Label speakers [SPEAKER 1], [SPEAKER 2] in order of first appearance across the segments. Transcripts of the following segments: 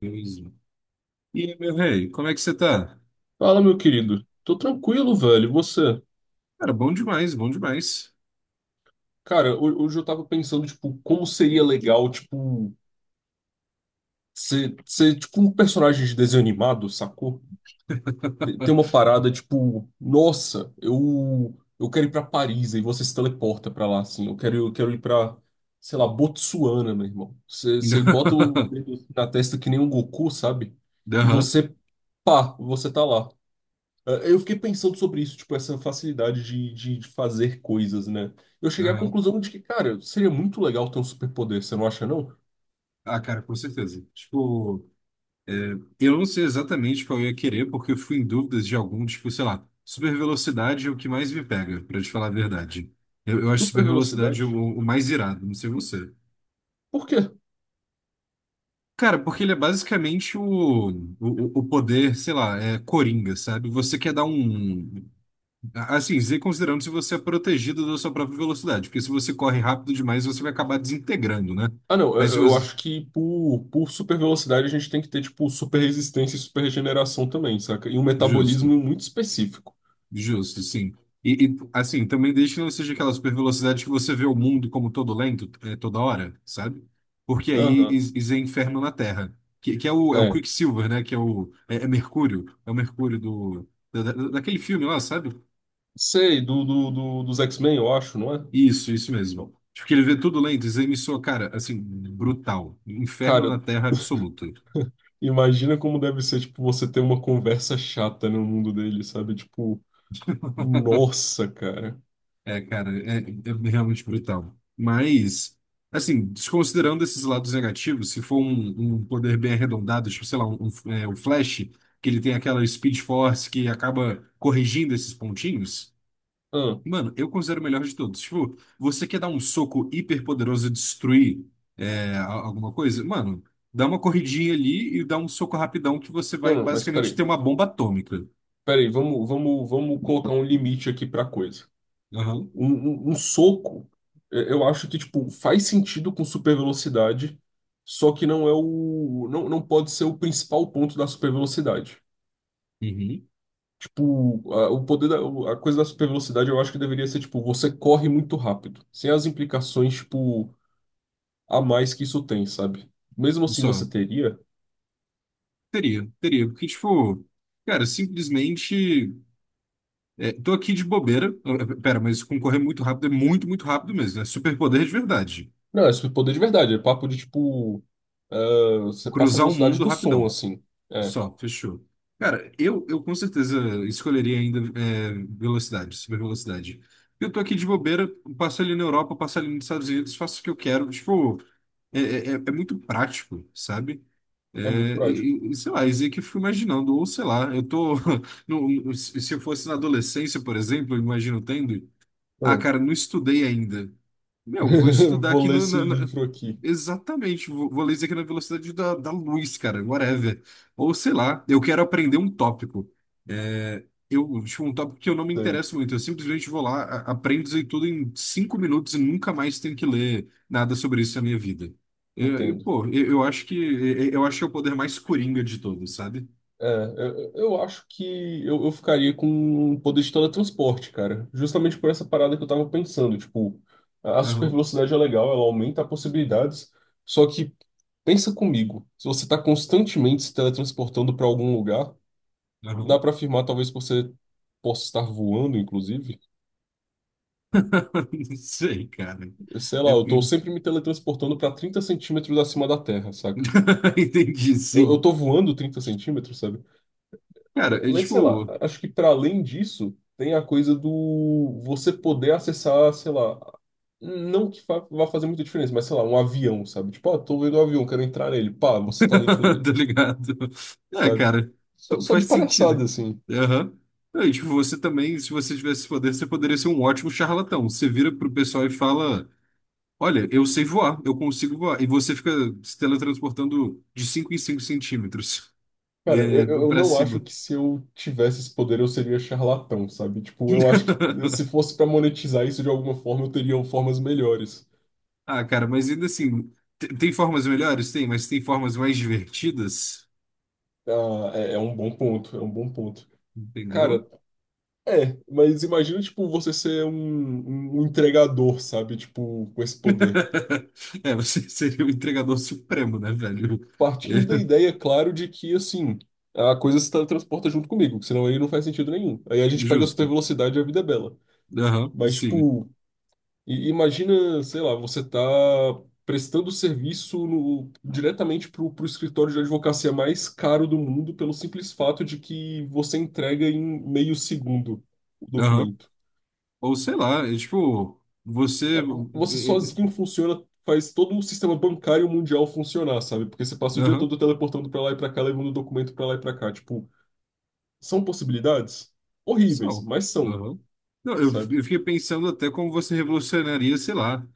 [SPEAKER 1] Beleza. E aí, meu rei, como é que você tá?
[SPEAKER 2] Fala, meu querido. Tô tranquilo, velho. E você?
[SPEAKER 1] Cara, bom demais, bom demais.
[SPEAKER 2] Cara, hoje eu tava pensando, tipo, como seria legal, tipo, ser tipo um personagem de desenho animado, sacou? Tem uma parada, tipo, nossa, eu quero ir pra Paris, aí você se teleporta pra lá, assim. Eu quero ir pra, sei lá, Botsuana, meu irmão. Você bota o dedo assim na testa que nem um Goku, sabe? E
[SPEAKER 1] Aham,
[SPEAKER 2] você, pá, você tá lá. Eu fiquei pensando sobre isso, tipo, essa facilidade de fazer coisas, né? Eu cheguei à
[SPEAKER 1] aham.
[SPEAKER 2] conclusão de que, cara, seria muito legal ter um superpoder, você não acha, não?
[SPEAKER 1] Ah, cara, com certeza. Tipo, eu não sei exatamente qual eu ia querer, porque eu fui em dúvidas de algum, tipo, sei lá, super velocidade é o que mais me pega, pra te falar a verdade. Eu acho super
[SPEAKER 2] Super
[SPEAKER 1] velocidade
[SPEAKER 2] velocidade.
[SPEAKER 1] o mais irado, não sei você.
[SPEAKER 2] Por quê?
[SPEAKER 1] Cara, porque ele é basicamente o poder, sei lá, é coringa, sabe? Você quer dar um. Assim, Z considerando se você é protegido da sua própria velocidade, porque se você corre rápido demais, você vai acabar desintegrando, né?
[SPEAKER 2] Ah, não,
[SPEAKER 1] Mas se
[SPEAKER 2] eu
[SPEAKER 1] você...
[SPEAKER 2] acho que por super velocidade a gente tem que ter, tipo, super resistência e super regeneração também, saca? E um
[SPEAKER 1] Justo,
[SPEAKER 2] metabolismo muito específico.
[SPEAKER 1] justo, sim. E, assim, também desde que não seja aquela super velocidade que você vê o mundo como todo lento, é, toda hora, sabe? Porque aí
[SPEAKER 2] Aham,
[SPEAKER 1] is- is é inferno na Terra, que é o, é o
[SPEAKER 2] é.
[SPEAKER 1] Quicksilver, né? Que é o... É, é Mercúrio, é o Mercúrio do... daquele filme lá, sabe?
[SPEAKER 2] Sei, dos X-Men, eu acho, não é?
[SPEAKER 1] Isso mesmo. Tipo, que ele vê tudo lento, Zé me soa, cara, assim, brutal. Inferno
[SPEAKER 2] Cara,
[SPEAKER 1] na Terra absoluto.
[SPEAKER 2] imagina como deve ser, tipo, você ter uma conversa chata no mundo dele, sabe? Tipo, nossa, cara.
[SPEAKER 1] É, cara, é, é realmente brutal. Mas, assim, desconsiderando esses lados negativos, se for um, um poder bem arredondado, tipo, sei lá, um, é, o Flash, que ele tem aquela Speed Force que acaba corrigindo esses pontinhos, mano, eu considero o melhor de todos. Tipo, você quer dar um soco hiper poderoso e destruir é, alguma coisa? Mano, dá uma corridinha ali e dá um soco rapidão que você
[SPEAKER 2] Não,
[SPEAKER 1] vai
[SPEAKER 2] não, mas
[SPEAKER 1] basicamente ter
[SPEAKER 2] peraí.
[SPEAKER 1] uma bomba atômica.
[SPEAKER 2] Peraí, vamos, vamos, vamos colocar um limite aqui pra coisa.
[SPEAKER 1] Aham.
[SPEAKER 2] Um soco, é, eu acho que, tipo, faz sentido com super velocidade, só que não é o. Não, não pode ser o principal ponto da super velocidade.
[SPEAKER 1] Uhum.
[SPEAKER 2] Tipo, o poder da, a coisa da super velocidade eu acho que deveria ser, tipo, você corre muito rápido, sem as implicações, tipo, a mais que isso tem, sabe? Mesmo assim
[SPEAKER 1] Só.
[SPEAKER 2] você teria.
[SPEAKER 1] Teria, teria, porque, tipo, cara, simplesmente. É, tô aqui de bobeira. Eh, pera, mas concorrer muito rápido é muito, muito rápido mesmo. É superpoder de verdade.
[SPEAKER 2] Não, é super poder de verdade, é papo de, tipo, ah, você passa a
[SPEAKER 1] Cruzar o
[SPEAKER 2] velocidade
[SPEAKER 1] mundo
[SPEAKER 2] do som,
[SPEAKER 1] rapidão.
[SPEAKER 2] assim. É.
[SPEAKER 1] Só, fechou. Cara, eu com certeza escolheria ainda é, velocidade, super velocidade. Eu tô aqui de bobeira, passo ali na Europa, passo ali nos Estados Unidos, faço o que eu quero. Tipo, é, é, é muito prático, sabe?
[SPEAKER 2] É muito
[SPEAKER 1] É,
[SPEAKER 2] prático.
[SPEAKER 1] e, sei lá, isso aí que eu fico imaginando, ou sei lá, eu tô. Se eu fosse na adolescência, por exemplo, eu imagino tendo. Ah,
[SPEAKER 2] Ah.
[SPEAKER 1] cara, não estudei ainda. Meu, vou estudar
[SPEAKER 2] Vou
[SPEAKER 1] aqui
[SPEAKER 2] ler
[SPEAKER 1] no.
[SPEAKER 2] esse livro aqui.
[SPEAKER 1] Exatamente, vou, vou ler isso aqui na velocidade da luz, cara, whatever. Ou sei lá, eu quero aprender um tópico. É, eu, tipo, um tópico que eu não me
[SPEAKER 2] Sei,
[SPEAKER 1] interesso muito. Eu simplesmente vou lá, aprendo isso aí tudo em 5 minutos e nunca mais tenho que ler nada sobre isso na minha vida.
[SPEAKER 2] entendo.
[SPEAKER 1] Pô, eu, eu acho que é o poder mais coringa de todos, sabe?
[SPEAKER 2] É, eu acho que eu ficaria com o poder de teletransporte, cara. Justamente por essa parada que eu tava pensando. Tipo, a super
[SPEAKER 1] Aham,
[SPEAKER 2] velocidade é legal, ela aumenta possibilidades. Só que, pensa comigo, se você tá constantemente se teletransportando pra algum lugar, dá
[SPEAKER 1] aham.
[SPEAKER 2] pra afirmar, talvez você possa estar voando, inclusive.
[SPEAKER 1] Não sei, cara.
[SPEAKER 2] Sei
[SPEAKER 1] É-
[SPEAKER 2] lá, eu tô sempre me teletransportando pra 30 centímetros acima da Terra, saca?
[SPEAKER 1] entendi,
[SPEAKER 2] Eu
[SPEAKER 1] sim.
[SPEAKER 2] tô voando 30 centímetros, sabe?
[SPEAKER 1] Cara, eu,
[SPEAKER 2] Mas, sei lá,
[SPEAKER 1] tipo,
[SPEAKER 2] acho que para além disso, tem a coisa do você poder acessar, sei lá, não que vá fazer muita diferença, mas sei lá, um avião, sabe? Tipo, ah, tô vendo um avião, quero entrar nele. Pá, você tá dentro dele,
[SPEAKER 1] tá ligado? É,
[SPEAKER 2] sabe?
[SPEAKER 1] cara,
[SPEAKER 2] Só, só
[SPEAKER 1] faz
[SPEAKER 2] de palhaçada,
[SPEAKER 1] sentido.
[SPEAKER 2] assim.
[SPEAKER 1] Aham. É, e, tipo, você também, se você tivesse esse poder, você poderia ser um ótimo charlatão. Você vira pro pessoal e fala: Olha, eu sei voar, eu consigo voar. E você fica se teletransportando de 5 em 5 centímetros,
[SPEAKER 2] Cara,
[SPEAKER 1] é,
[SPEAKER 2] eu
[SPEAKER 1] pra
[SPEAKER 2] não acho
[SPEAKER 1] cima.
[SPEAKER 2] que se eu tivesse esse poder eu seria charlatão, sabe? Tipo, eu acho que se fosse para monetizar isso de alguma forma, eu teria formas melhores.
[SPEAKER 1] Ah, cara, mas ainda assim, tem formas melhores? Tem, mas tem formas mais divertidas,
[SPEAKER 2] Ah, é é um bom ponto, é um bom ponto.
[SPEAKER 1] entendeu?
[SPEAKER 2] Cara, é, mas imagina, tipo, você ser um, um entregador, sabe? Tipo, com esse poder.
[SPEAKER 1] É, você seria o entregador supremo, né, velho?
[SPEAKER 2] Partindo da ideia, claro, de que, assim, a coisa se teletransporta junto comigo, que senão aí não faz sentido nenhum. Aí a gente pega a super
[SPEAKER 1] Justo.
[SPEAKER 2] velocidade e a vida é bela.
[SPEAKER 1] Aham,
[SPEAKER 2] Mas,
[SPEAKER 1] sim.
[SPEAKER 2] tipo, imagina, sei lá, você tá prestando serviço no, diretamente pro, pro escritório de advocacia mais caro do mundo pelo simples fato de que você entrega em meio segundo o
[SPEAKER 1] Aham.
[SPEAKER 2] documento.
[SPEAKER 1] Ou sei lá, é tipo, você.
[SPEAKER 2] Cara, você
[SPEAKER 1] Eh,
[SPEAKER 2] sozinho
[SPEAKER 1] eh,
[SPEAKER 2] funciona, faz todo o sistema bancário mundial funcionar, sabe? Porque você passa o dia
[SPEAKER 1] aham.
[SPEAKER 2] todo teleportando pra lá e pra cá, levando documento pra lá e pra cá. Tipo, são possibilidades horríveis,
[SPEAKER 1] São.
[SPEAKER 2] mas são,
[SPEAKER 1] Aham. Não, eu,
[SPEAKER 2] sabe?
[SPEAKER 1] eu fiquei pensando até como você revolucionaria, sei lá,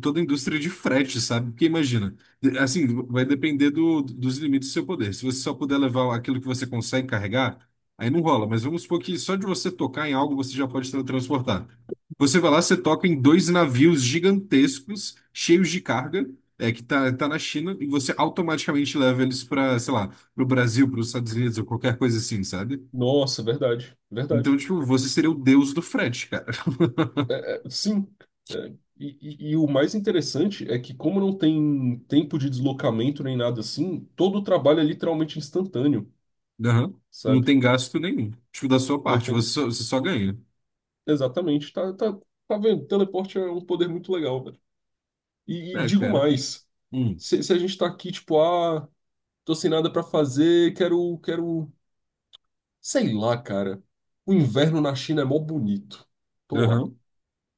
[SPEAKER 1] toda a indústria de frete, sabe? Porque imagina, assim, vai depender do, dos limites do seu poder. Se você só puder levar aquilo que você consegue carregar, aí não rola. Mas vamos supor que só de você tocar em algo você já pode transportar. Você vai lá, você toca em dois navios gigantescos, cheios de carga, é, que tá, tá na China, e você automaticamente leva eles para, sei lá, para o Brasil, para os Estados Unidos ou qualquer coisa assim, sabe?
[SPEAKER 2] Nossa, verdade,
[SPEAKER 1] Então,
[SPEAKER 2] verdade.
[SPEAKER 1] tipo, você seria o deus do frete, cara.
[SPEAKER 2] É, sim. É, e, e o mais interessante é que, como não tem tempo de deslocamento nem nada assim, todo o trabalho é literalmente instantâneo,
[SPEAKER 1] Aham. Não
[SPEAKER 2] sabe?
[SPEAKER 1] tem gasto nenhum. Tipo, da sua
[SPEAKER 2] Não
[SPEAKER 1] parte,
[SPEAKER 2] tem.
[SPEAKER 1] você só ganha.
[SPEAKER 2] Exatamente, tá, tá, tá vendo? Teleporte é um poder muito legal. E
[SPEAKER 1] É,
[SPEAKER 2] digo
[SPEAKER 1] cara.
[SPEAKER 2] mais,
[SPEAKER 1] Hum.
[SPEAKER 2] se a gente tá aqui, tipo, ah, tô sem nada pra fazer, quero, quero, sei lá, cara. O inverno na China é mó bonito. Tô lá,
[SPEAKER 1] Aham.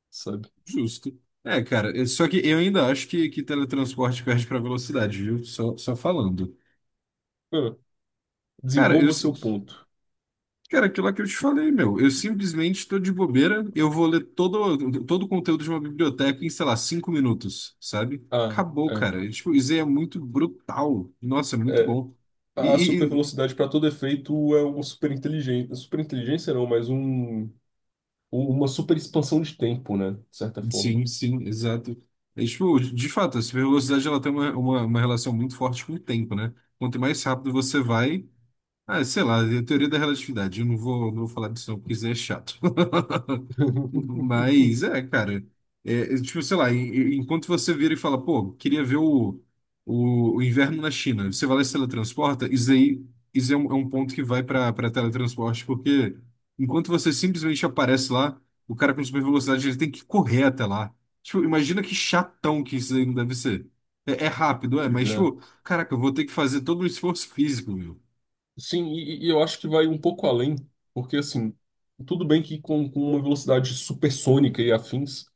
[SPEAKER 2] sabe?
[SPEAKER 1] Justo. É, cara, é- só que eu ainda acho que teletransporte perde pra velocidade, viu? Só, só falando.
[SPEAKER 2] Ah,
[SPEAKER 1] Cara, eu.
[SPEAKER 2] desenvolva
[SPEAKER 1] Sim-
[SPEAKER 2] seu ponto.
[SPEAKER 1] cara, aquilo lá que eu te falei, meu. Eu simplesmente tô de bobeira, eu vou ler todo, todo o conteúdo de uma biblioteca em, sei lá, 5 minutos, sabe?
[SPEAKER 2] Ah,
[SPEAKER 1] Acabou,
[SPEAKER 2] é,
[SPEAKER 1] cara. Tipo, isso aí é muito brutal. Nossa, é muito
[SPEAKER 2] é.
[SPEAKER 1] bom.
[SPEAKER 2] A super
[SPEAKER 1] E,
[SPEAKER 2] velocidade para todo efeito é uma super inteligência. Super inteligência não, mas um, uma super expansão de tempo, né? De certa
[SPEAKER 1] sim,
[SPEAKER 2] forma.
[SPEAKER 1] sim, exato. É, tipo, de fato, a velocidade ela tem uma relação muito forte com o tempo, né? Quanto mais rápido você vai, ah, sei lá, é a teoria da relatividade. Eu não vou, não vou falar disso não, porque isso é chato. Mas, é, cara. É, é, tipo, sei lá, enquanto você vira e fala, pô, queria ver o inverno na China, você vai lá e se teletransporta, isso aí, isso é um ponto que vai para teletransporte, porque enquanto você simplesmente aparece lá, o cara com super velocidade, ele tem que correr até lá. Tipo, imagina que chatão que isso aí não deve ser. É, é rápido, é,
[SPEAKER 2] Pois
[SPEAKER 1] mas,
[SPEAKER 2] é.
[SPEAKER 1] tipo, caraca, eu vou ter que fazer todo um esforço físico, meu.
[SPEAKER 2] Sim, e eu acho que vai um pouco além, porque assim, tudo bem que com uma velocidade supersônica e afins,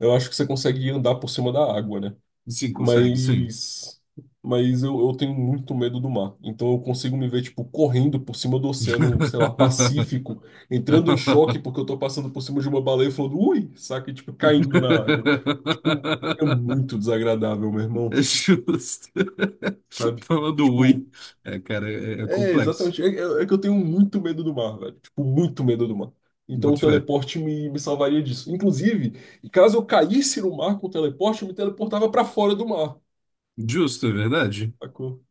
[SPEAKER 2] eu acho que você consegue andar por cima da água, né?
[SPEAKER 1] Sim, consegue, sim.
[SPEAKER 2] Mas, mas eu tenho muito medo do mar, então eu consigo me ver, tipo, correndo por cima do oceano, sei lá, Pacífico, entrando em choque porque eu tô passando por cima de uma baleia e falando, ui, saca, e, tipo, caindo na água. Tipo, é muito desagradável, meu
[SPEAKER 1] É
[SPEAKER 2] irmão,
[SPEAKER 1] justo.
[SPEAKER 2] sabe?
[SPEAKER 1] Falando
[SPEAKER 2] Tipo,
[SPEAKER 1] ruim. É, cara, é, é
[SPEAKER 2] é,
[SPEAKER 1] complexo.
[SPEAKER 2] exatamente. É, é que eu tenho muito medo do mar, velho. Tipo, muito medo do mar. Então o
[SPEAKER 1] Boto fé.
[SPEAKER 2] teleporte me salvaria disso. Inclusive, caso eu caísse no mar com o teleporte, eu me teleportava pra fora do mar.
[SPEAKER 1] Justo, é verdade?
[SPEAKER 2] Sacou?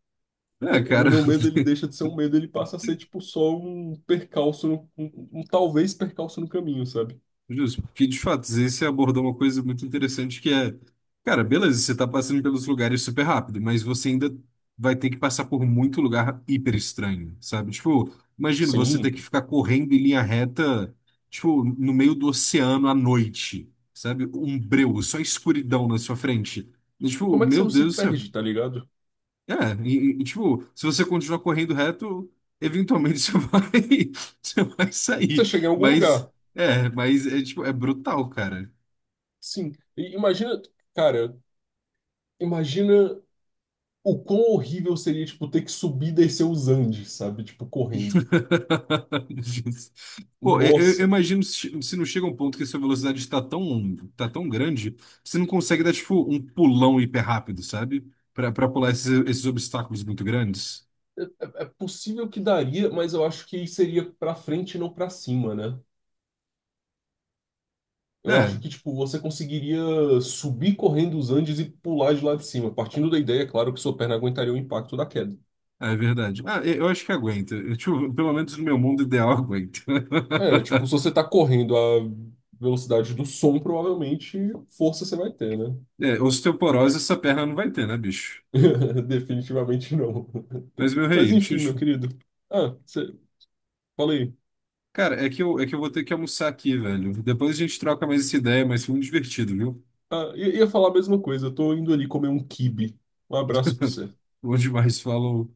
[SPEAKER 1] É,
[SPEAKER 2] É, é, o
[SPEAKER 1] cara.
[SPEAKER 2] meu medo, ele deixa de ser um medo, ele passa a ser, tipo, só um percalço, um, um talvez percalço no caminho, sabe?
[SPEAKER 1] Justo, porque de fato, você abordou uma coisa muito interessante que é, cara, beleza, você tá passando pelos lugares super rápido, mas você ainda vai ter que passar por muito lugar hiper estranho, sabe? Tipo, imagina você ter
[SPEAKER 2] Sim.
[SPEAKER 1] que ficar correndo em linha reta, tipo, no meio do oceano à noite, sabe? Um breu, só escuridão na sua frente. E,
[SPEAKER 2] E
[SPEAKER 1] tipo,
[SPEAKER 2] como é que você
[SPEAKER 1] meu
[SPEAKER 2] não
[SPEAKER 1] Deus
[SPEAKER 2] se
[SPEAKER 1] do céu,
[SPEAKER 2] perde, tá ligado?
[SPEAKER 1] é, e, tipo, se você continuar correndo reto, eventualmente você vai
[SPEAKER 2] Você
[SPEAKER 1] sair.
[SPEAKER 2] chega em algum lugar.
[SPEAKER 1] Mas é, tipo, é brutal, cara.
[SPEAKER 2] Sim. E imagina, cara, imagina o quão horrível seria, tipo, ter que subir e descer os Andes, sabe? Tipo, correndo.
[SPEAKER 1] Pô, eu
[SPEAKER 2] Nossa,
[SPEAKER 1] imagino se, se não chega um ponto que a sua velocidade está tão, tá tão grande, que você não consegue dar, tipo, um pulão hiper rápido, sabe? Pra, pra pular esses, esses obstáculos muito grandes.
[SPEAKER 2] cara, é possível que daria, mas eu acho que seria pra frente e não pra cima, né? Eu acho
[SPEAKER 1] É,
[SPEAKER 2] que, tipo, você conseguiria subir correndo os Andes e pular de lá de cima, partindo da ideia, é claro, que sua perna aguentaria o impacto da queda.
[SPEAKER 1] é verdade. Ah, eu acho que aguenta. Eu, tipo, pelo menos no meu mundo ideal, aguenta.
[SPEAKER 2] É, tipo, se você tá correndo à velocidade do som, provavelmente força você vai ter, né?
[SPEAKER 1] É, osteoporose essa perna não vai ter, né, bicho?
[SPEAKER 2] Definitivamente não.
[SPEAKER 1] Mas, meu
[SPEAKER 2] Mas
[SPEAKER 1] rei,
[SPEAKER 2] enfim, meu
[SPEAKER 1] Xuxu,
[SPEAKER 2] querido. Ah, você... falei.
[SPEAKER 1] cara, é que eu vou ter que almoçar aqui, velho. Depois a gente troca mais essa ideia, mas foi muito divertido, viu?
[SPEAKER 2] Ah, ia falar a mesma coisa, eu tô indo ali comer um quibe. Um abraço pra você.
[SPEAKER 1] Bom demais, falou.